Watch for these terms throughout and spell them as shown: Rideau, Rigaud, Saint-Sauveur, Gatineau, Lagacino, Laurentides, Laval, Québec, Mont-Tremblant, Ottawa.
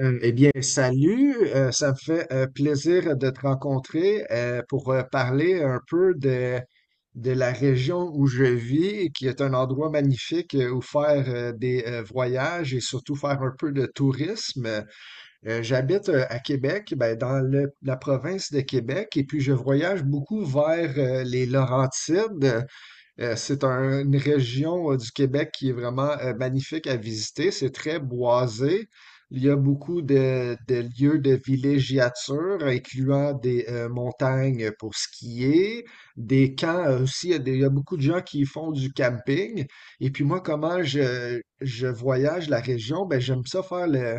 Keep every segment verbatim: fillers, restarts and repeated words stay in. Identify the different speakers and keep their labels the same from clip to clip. Speaker 1: Euh, eh bien, salut, euh, ça me fait euh, plaisir de te rencontrer euh, pour euh, parler un peu de, de la région où je vis, qui est un endroit magnifique euh, où faire euh, des euh, voyages et surtout faire un peu de tourisme. Euh, j'habite euh, à Québec, ben, dans le- la province de Québec, et puis je voyage beaucoup vers euh, les Laurentides. Euh, c'est un- une région euh, du Québec qui est vraiment euh, magnifique à visiter. C'est très boisé. Il y a beaucoup de, de lieux de villégiature, incluant des euh, montagnes pour skier, des camps euh, aussi. Il y a des- il y a beaucoup de gens qui font du camping. Et puis moi, comment je, je voyage la région? Ben, j'aime ça faire le,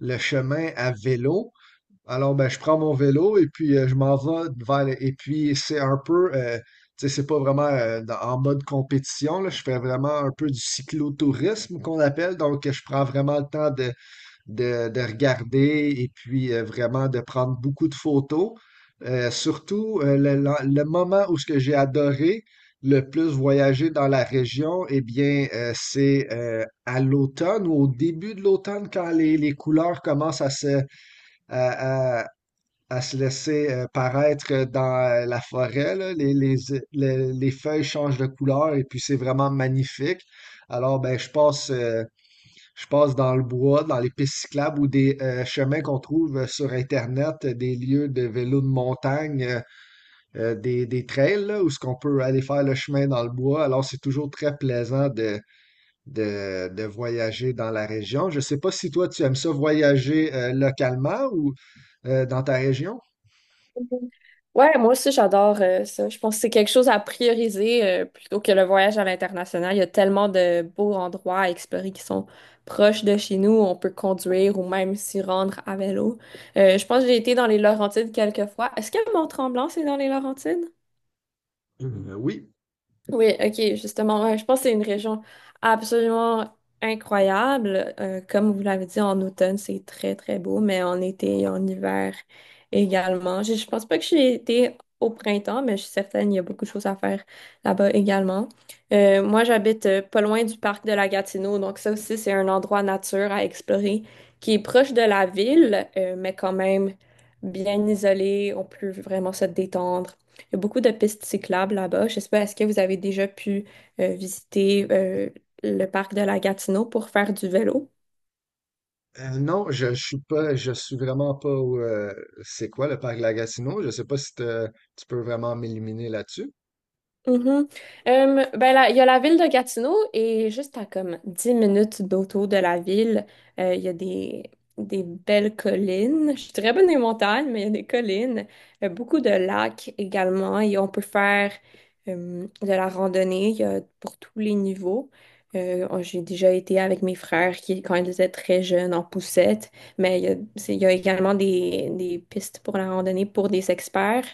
Speaker 1: le chemin à vélo. Alors, ben, je prends mon vélo et puis euh, je m'en vais vers le- Et puis, c'est un peu, euh, tu sais, c'est pas vraiment euh, dans- en mode compétition, là. Je fais vraiment un peu du cyclotourisme qu'on appelle. Donc, je prends vraiment le temps de, de, de regarder et puis euh, vraiment de prendre beaucoup de photos. Euh, surtout, euh, le, le- le moment où ce que j'ai adoré le plus voyager dans la région, eh bien, euh, c'est euh, à l'automne ou au début de l'automne quand les, les couleurs commencent à se à, à- à se laisser euh, paraître dans euh, la forêt, là. Les, les, les- les feuilles changent de couleur et puis c'est vraiment magnifique. Alors, ben, je passe, euh, je passe dans le bois, dans les pistes cyclables ou des euh, chemins qu'on trouve euh, sur Internet, euh, des lieux de vélo de montagne, euh, euh, des, des trails, là, où ce qu'on peut aller faire le chemin dans le bois. Alors, c'est toujours très plaisant de, de, de voyager dans la région. Je ne sais pas si toi, tu aimes ça voyager euh, localement ou euh, dans ta région.
Speaker 2: Ouais, moi aussi, j'adore euh, ça. Je pense que c'est quelque chose à prioriser euh, plutôt que le voyage à l'international. Il y a tellement de beaux endroits à explorer qui sont proches de chez nous. On peut conduire ou même s'y rendre à vélo. Euh, je pense que j'ai été dans les Laurentides quelques fois. Est-ce que Mont-Tremblant, c'est dans les Laurentides?
Speaker 1: Euh, oui.
Speaker 2: Oui, ok, justement, ouais, je pense que c'est une région absolument incroyable. Euh, comme vous l'avez dit, en automne, c'est très, très beau, mais en été et en hiver également. Je, je pense pas que j'ai été au printemps, mais je suis certaine qu'il y a beaucoup de choses à faire là-bas également. Euh, moi, j'habite euh, pas loin du parc de la Gatineau, donc ça aussi, c'est un endroit nature à explorer qui est proche de la ville, euh, mais quand même bien isolé. On peut vraiment se détendre, il y a beaucoup de pistes cyclables là-bas. Je sais pas, est-ce que vous avez déjà pu euh, visiter euh, le parc de la Gatineau pour faire du vélo?
Speaker 1: Euh, non, je, je suis pas, je suis vraiment pas au, euh, c'est quoi le parc Lagacino? Je sais pas si te- tu peux vraiment m'éliminer là-dessus.
Speaker 2: Mhm. Euh, ben là, il y a la ville de Gatineau et juste à comme dix minutes d'auto de la ville, euh, il y a des, des belles collines. Je suis très bonne des montagnes, mais il y a des collines. Euh, beaucoup de lacs également et on peut faire euh, de la randonnée, il y a pour tous les niveaux. Euh, on- j'ai déjà été avec mes frères qui, quand ils étaient très jeunes, en poussette, mais il y a, c'est- il y a également des, des pistes pour la randonnée pour des experts.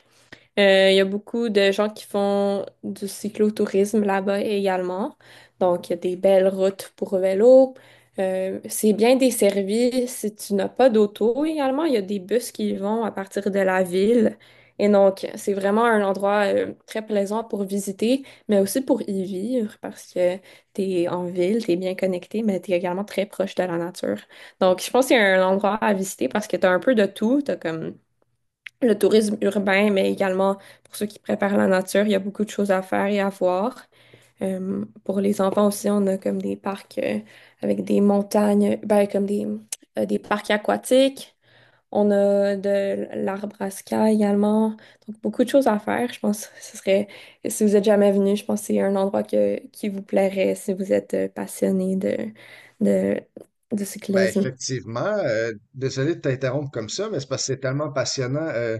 Speaker 2: Euh, Il y a beaucoup de gens qui font du cyclotourisme là-bas également. Donc, il y a des belles routes pour vélo. Euh, c'est bien desservi. Si tu n'as pas d'auto également, il y a des bus qui vont à partir de la ville. Et donc, c'est vraiment un endroit euh, très plaisant pour visiter, mais aussi pour y vivre parce que tu es en ville, tu es bien connecté, mais tu es également très proche de la nature. Donc, je pense qu'il y a un endroit à visiter parce que tu as un peu de tout. Tu comme le tourisme urbain, mais également pour ceux qui préparent la nature, il y a beaucoup de choses à faire et à voir. Euh, pour les enfants aussi, on a comme des parcs euh, avec des montagnes, ben, comme des, euh, des parcs aquatiques. On a de l'arbre à ska également. Donc, beaucoup de choses à faire. Je pense que ce serait, si vous êtes jamais venu, je pense que c'est un endroit que, qui vous plairait si vous êtes euh, passionné de, de, de
Speaker 1: Ben
Speaker 2: cyclisme.
Speaker 1: effectivement, euh, désolé de t'interrompre comme ça, mais c'est parce que c'est tellement passionnant euh,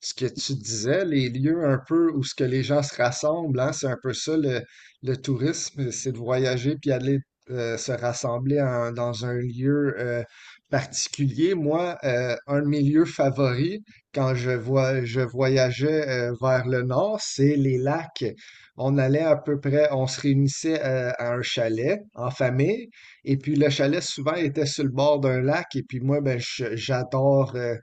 Speaker 1: ce que tu disais, les lieux un peu où ce que les gens se rassemblent, hein, c'est un peu ça le, le tourisme, c'est de voyager puis aller euh, se rassembler en- dans un lieu euh, particulier. Moi, euh, un de mes lieux favoris quand je vois je voyageais euh, vers le nord, c'est les lacs. On allait à peu près, on se réunissait euh, à un chalet en famille. Et puis le chalet, souvent, était sur le bord d'un lac. Et puis moi, ben, je- j'adore euh,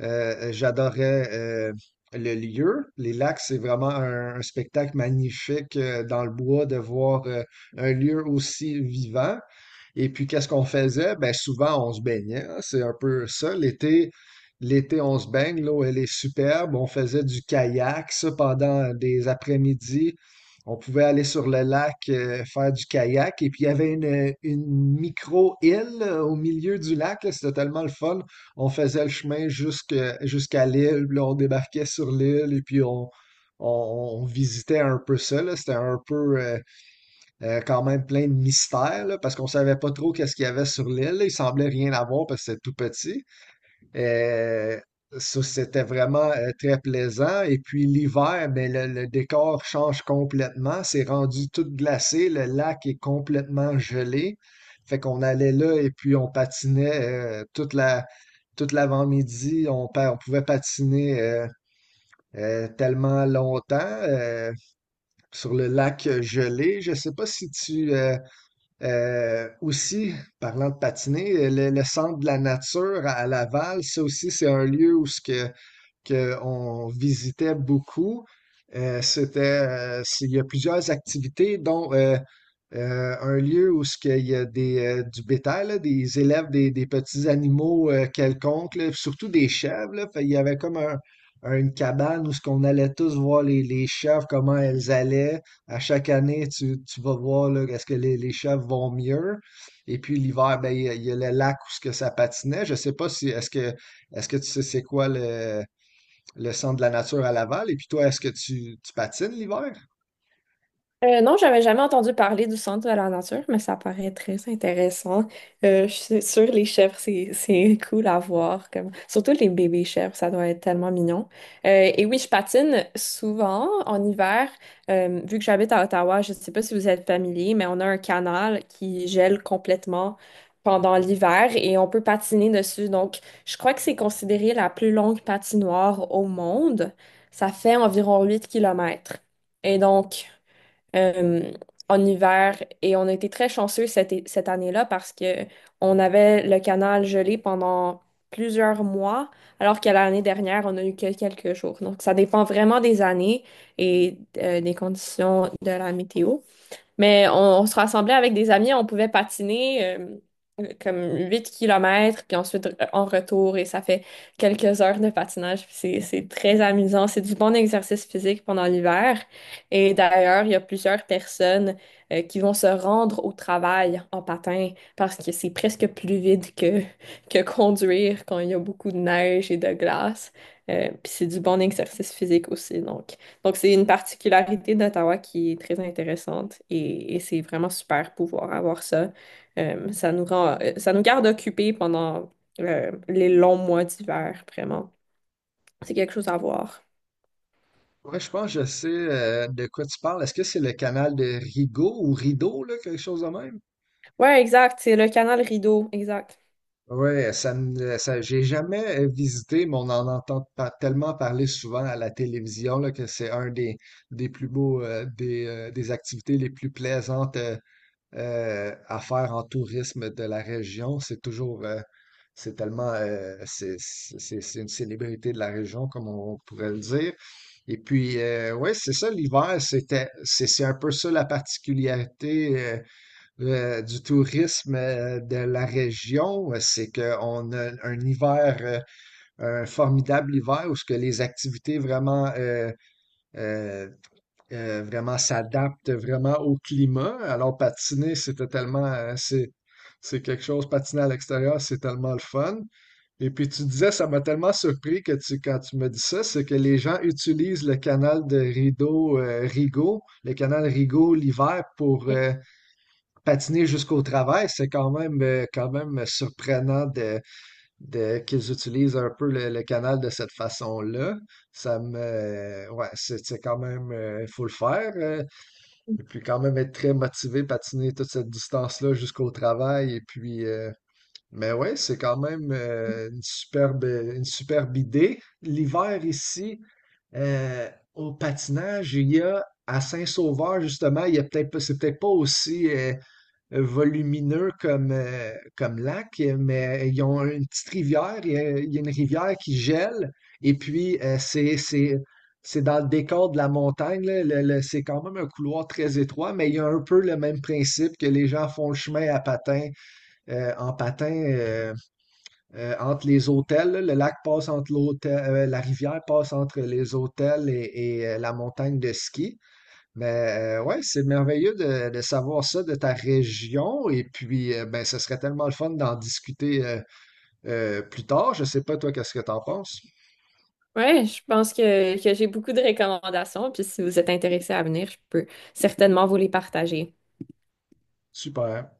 Speaker 1: euh, euh, j'adorais euh, le lieu. Les lacs, c'est vraiment un, un spectacle magnifique euh, dans le bois de voir euh, un lieu aussi vivant. Et puis, qu'est-ce qu'on faisait? Ben, souvent, on se baignait. hein. C'est un peu ça. L'été, l'été, on se baigne. L'eau, elle est superbe. On faisait du kayak, ça, pendant des après-midi. On pouvait aller sur le lac, euh, faire du kayak. Et puis, il y avait une, une micro-île euh, au milieu du lac. là. C'était tellement le fun, on faisait le chemin jusque- jusqu'à l'île, puis là, on débarquait sur l'île et puis on, on, on visitait un peu ça, là. C'était un peu euh, euh, quand même plein de mystères, là, parce qu'on savait pas trop qu'est-ce qu'il y avait sur l'île. Il semblait rien avoir parce que c'était tout petit. Euh, Ça, c'était vraiment euh, très plaisant. Et puis l'hiver, ben, le, le décor change complètement. C'est rendu tout glacé. Le lac est complètement gelé. Fait qu'on allait là et puis on patinait euh, toute la, toute l'avant-midi. On, pa- on pouvait patiner euh, euh, tellement longtemps euh, sur le lac gelé. Je sais pas si tu, euh, euh, aussi, parlant de patiner, le, le centre de la nature à à Laval, ça aussi, c'est un lieu où ce que qu'on visitait beaucoup. Euh, c'était, euh, c'est- il y a plusieurs activités, dont euh, euh, un lieu où ce qu'il y a des, euh, du bétail, là, des élèves, des, des petits animaux euh, quelconques, là, surtout des chèvres. là. Fait, il y avait comme un- un- une cabane où ce qu'on allait tous voir les, les chèvres, comment elles allaient. À chaque année, tu, tu vas voir là, est-ce que les, les chèvres vont mieux. Et puis l'hiver, ben, il y, a il y a le lac où ce que ça patinait. Je sais pas si est-ce que est-ce que tu sais c'est quoi le le centre de la nature à Laval. Et puis toi, est-ce que tu, tu patines l'hiver?
Speaker 2: Euh, non, j'avais jamais entendu parler du centre de la nature, mais ça paraît très intéressant. Euh, je suis sûre, les chèvres, c'est, c'est cool à voir. Comme, surtout les bébés chèvres, ça doit être tellement mignon. Euh, et oui, je patine souvent en hiver. Euh, vu que j'habite à Ottawa, je ne sais pas si vous êtes familier, mais on a un canal qui gèle complètement pendant l'hiver et on peut patiner dessus. Donc, je crois que c'est considéré la plus longue patinoire au monde. Ça fait environ huit kilomètres. Et donc, euh, en hiver, et on a été très chanceux cette, é- cette année-là parce que on avait le canal gelé pendant plusieurs mois, alors que l'année dernière, on a eu que quelques jours. Donc, ça dépend vraiment des années et euh, des conditions de la météo. Mais on, on se rassemblait avec des amis, on pouvait patiner euh, comme huit kilomètres, puis ensuite euh, en retour, et ça fait quelques heures de patinage. Puis C'est, c'est très amusant. C'est du bon exercice physique pendant l'hiver. Et d'ailleurs, il y a plusieurs personnes euh, qui vont se rendre au travail en patin parce que c'est presque plus vide que, que conduire quand il y a beaucoup de neige et de glace. Euh, puis c'est du bon exercice physique aussi, donc. Donc, c'est une particularité d'Ottawa qui est très intéressante et, et c'est vraiment super pouvoir avoir ça. Euh, ça nous rend, euh, ça nous garde occupés pendant euh, les longs mois d'hiver, vraiment. C'est quelque chose à voir.
Speaker 1: Ouais, je pense que je sais euh, de quoi tu parles. Est-ce que c'est le canal de Rigaud ou Rideau, là, quelque chose de même?
Speaker 2: Ouais, exact. C'est le canal Rideau, exact.
Speaker 1: Ouais, ça, me- ça, j'ai jamais euh, visité, mais on en entend pa- tellement parler souvent à la télévision là, que c'est un des, des plus beaux, euh, des, euh, des activités les plus plaisantes euh, euh, à faire en tourisme de la région. C'est toujours, euh, c'est tellement, euh, c'est c'est- c'est- une célébrité de la région, comme on pourrait le dire. Et puis, euh, ouais, c'est ça, l'hiver, c'était, c'est c'est un peu ça la particularité euh, euh, du tourisme euh, de la région, euh, c'est qu'on a un hiver, euh, un formidable hiver où ce que les activités vraiment euh, euh, euh, vraiment s'adapte vraiment au climat. Alors, patiner, c'était tellement, euh, c'est, c'est quelque chose, patiner à l'extérieur, c'est tellement le fun. Et puis, tu disais, ça m'a tellement surpris que tu, quand tu me dis ça, c'est que les gens utilisent le canal de rideau euh, Rigaud, le canal Rigaud l'hiver pour euh, patiner jusqu'au travail. C'est quand même, euh, quand même surprenant de, de, qu'ils utilisent un peu le, le canal de cette façon-là. Ça me, ouais, c'est c'est quand même, euh, il faut le faire. euh, et puis quand même être très motivé, patiner toute cette distance-là jusqu'au travail. Et puis, euh, mais ouais, c'est quand même euh, une superbe, une superbe idée. L'hiver ici, euh, au patinage, il y a à Saint-Sauveur, justement, il y a peut-être pas, c'est peut-être pas aussi euh, volumineux comme, euh, comme lac, euh, mais ils ont une petite rivière, il y a, il y a une rivière qui gèle, et puis euh, c'est, c'est, c'est dans le décor de la montagne, là, le- le- c'est quand même un couloir très étroit, mais il y a un peu le même principe que les gens font le chemin à patin, euh, en patin euh, euh, entre les hôtels, là. Le lac passe entre l'hôtel, euh, La rivière passe entre les hôtels et, et, euh, la montagne de ski. Mais euh, ouais, c'est merveilleux de, de savoir ça de ta région. Et puis, euh, ben, ce serait tellement le fun d'en discuter euh, euh, plus tard. Je sais pas, toi, qu'est-ce que t'en penses?
Speaker 2: Ouais, je pense que, que j'ai beaucoup de recommandations. Puis si vous êtes intéressé à venir, je peux certainement vous les partager.
Speaker 1: Super.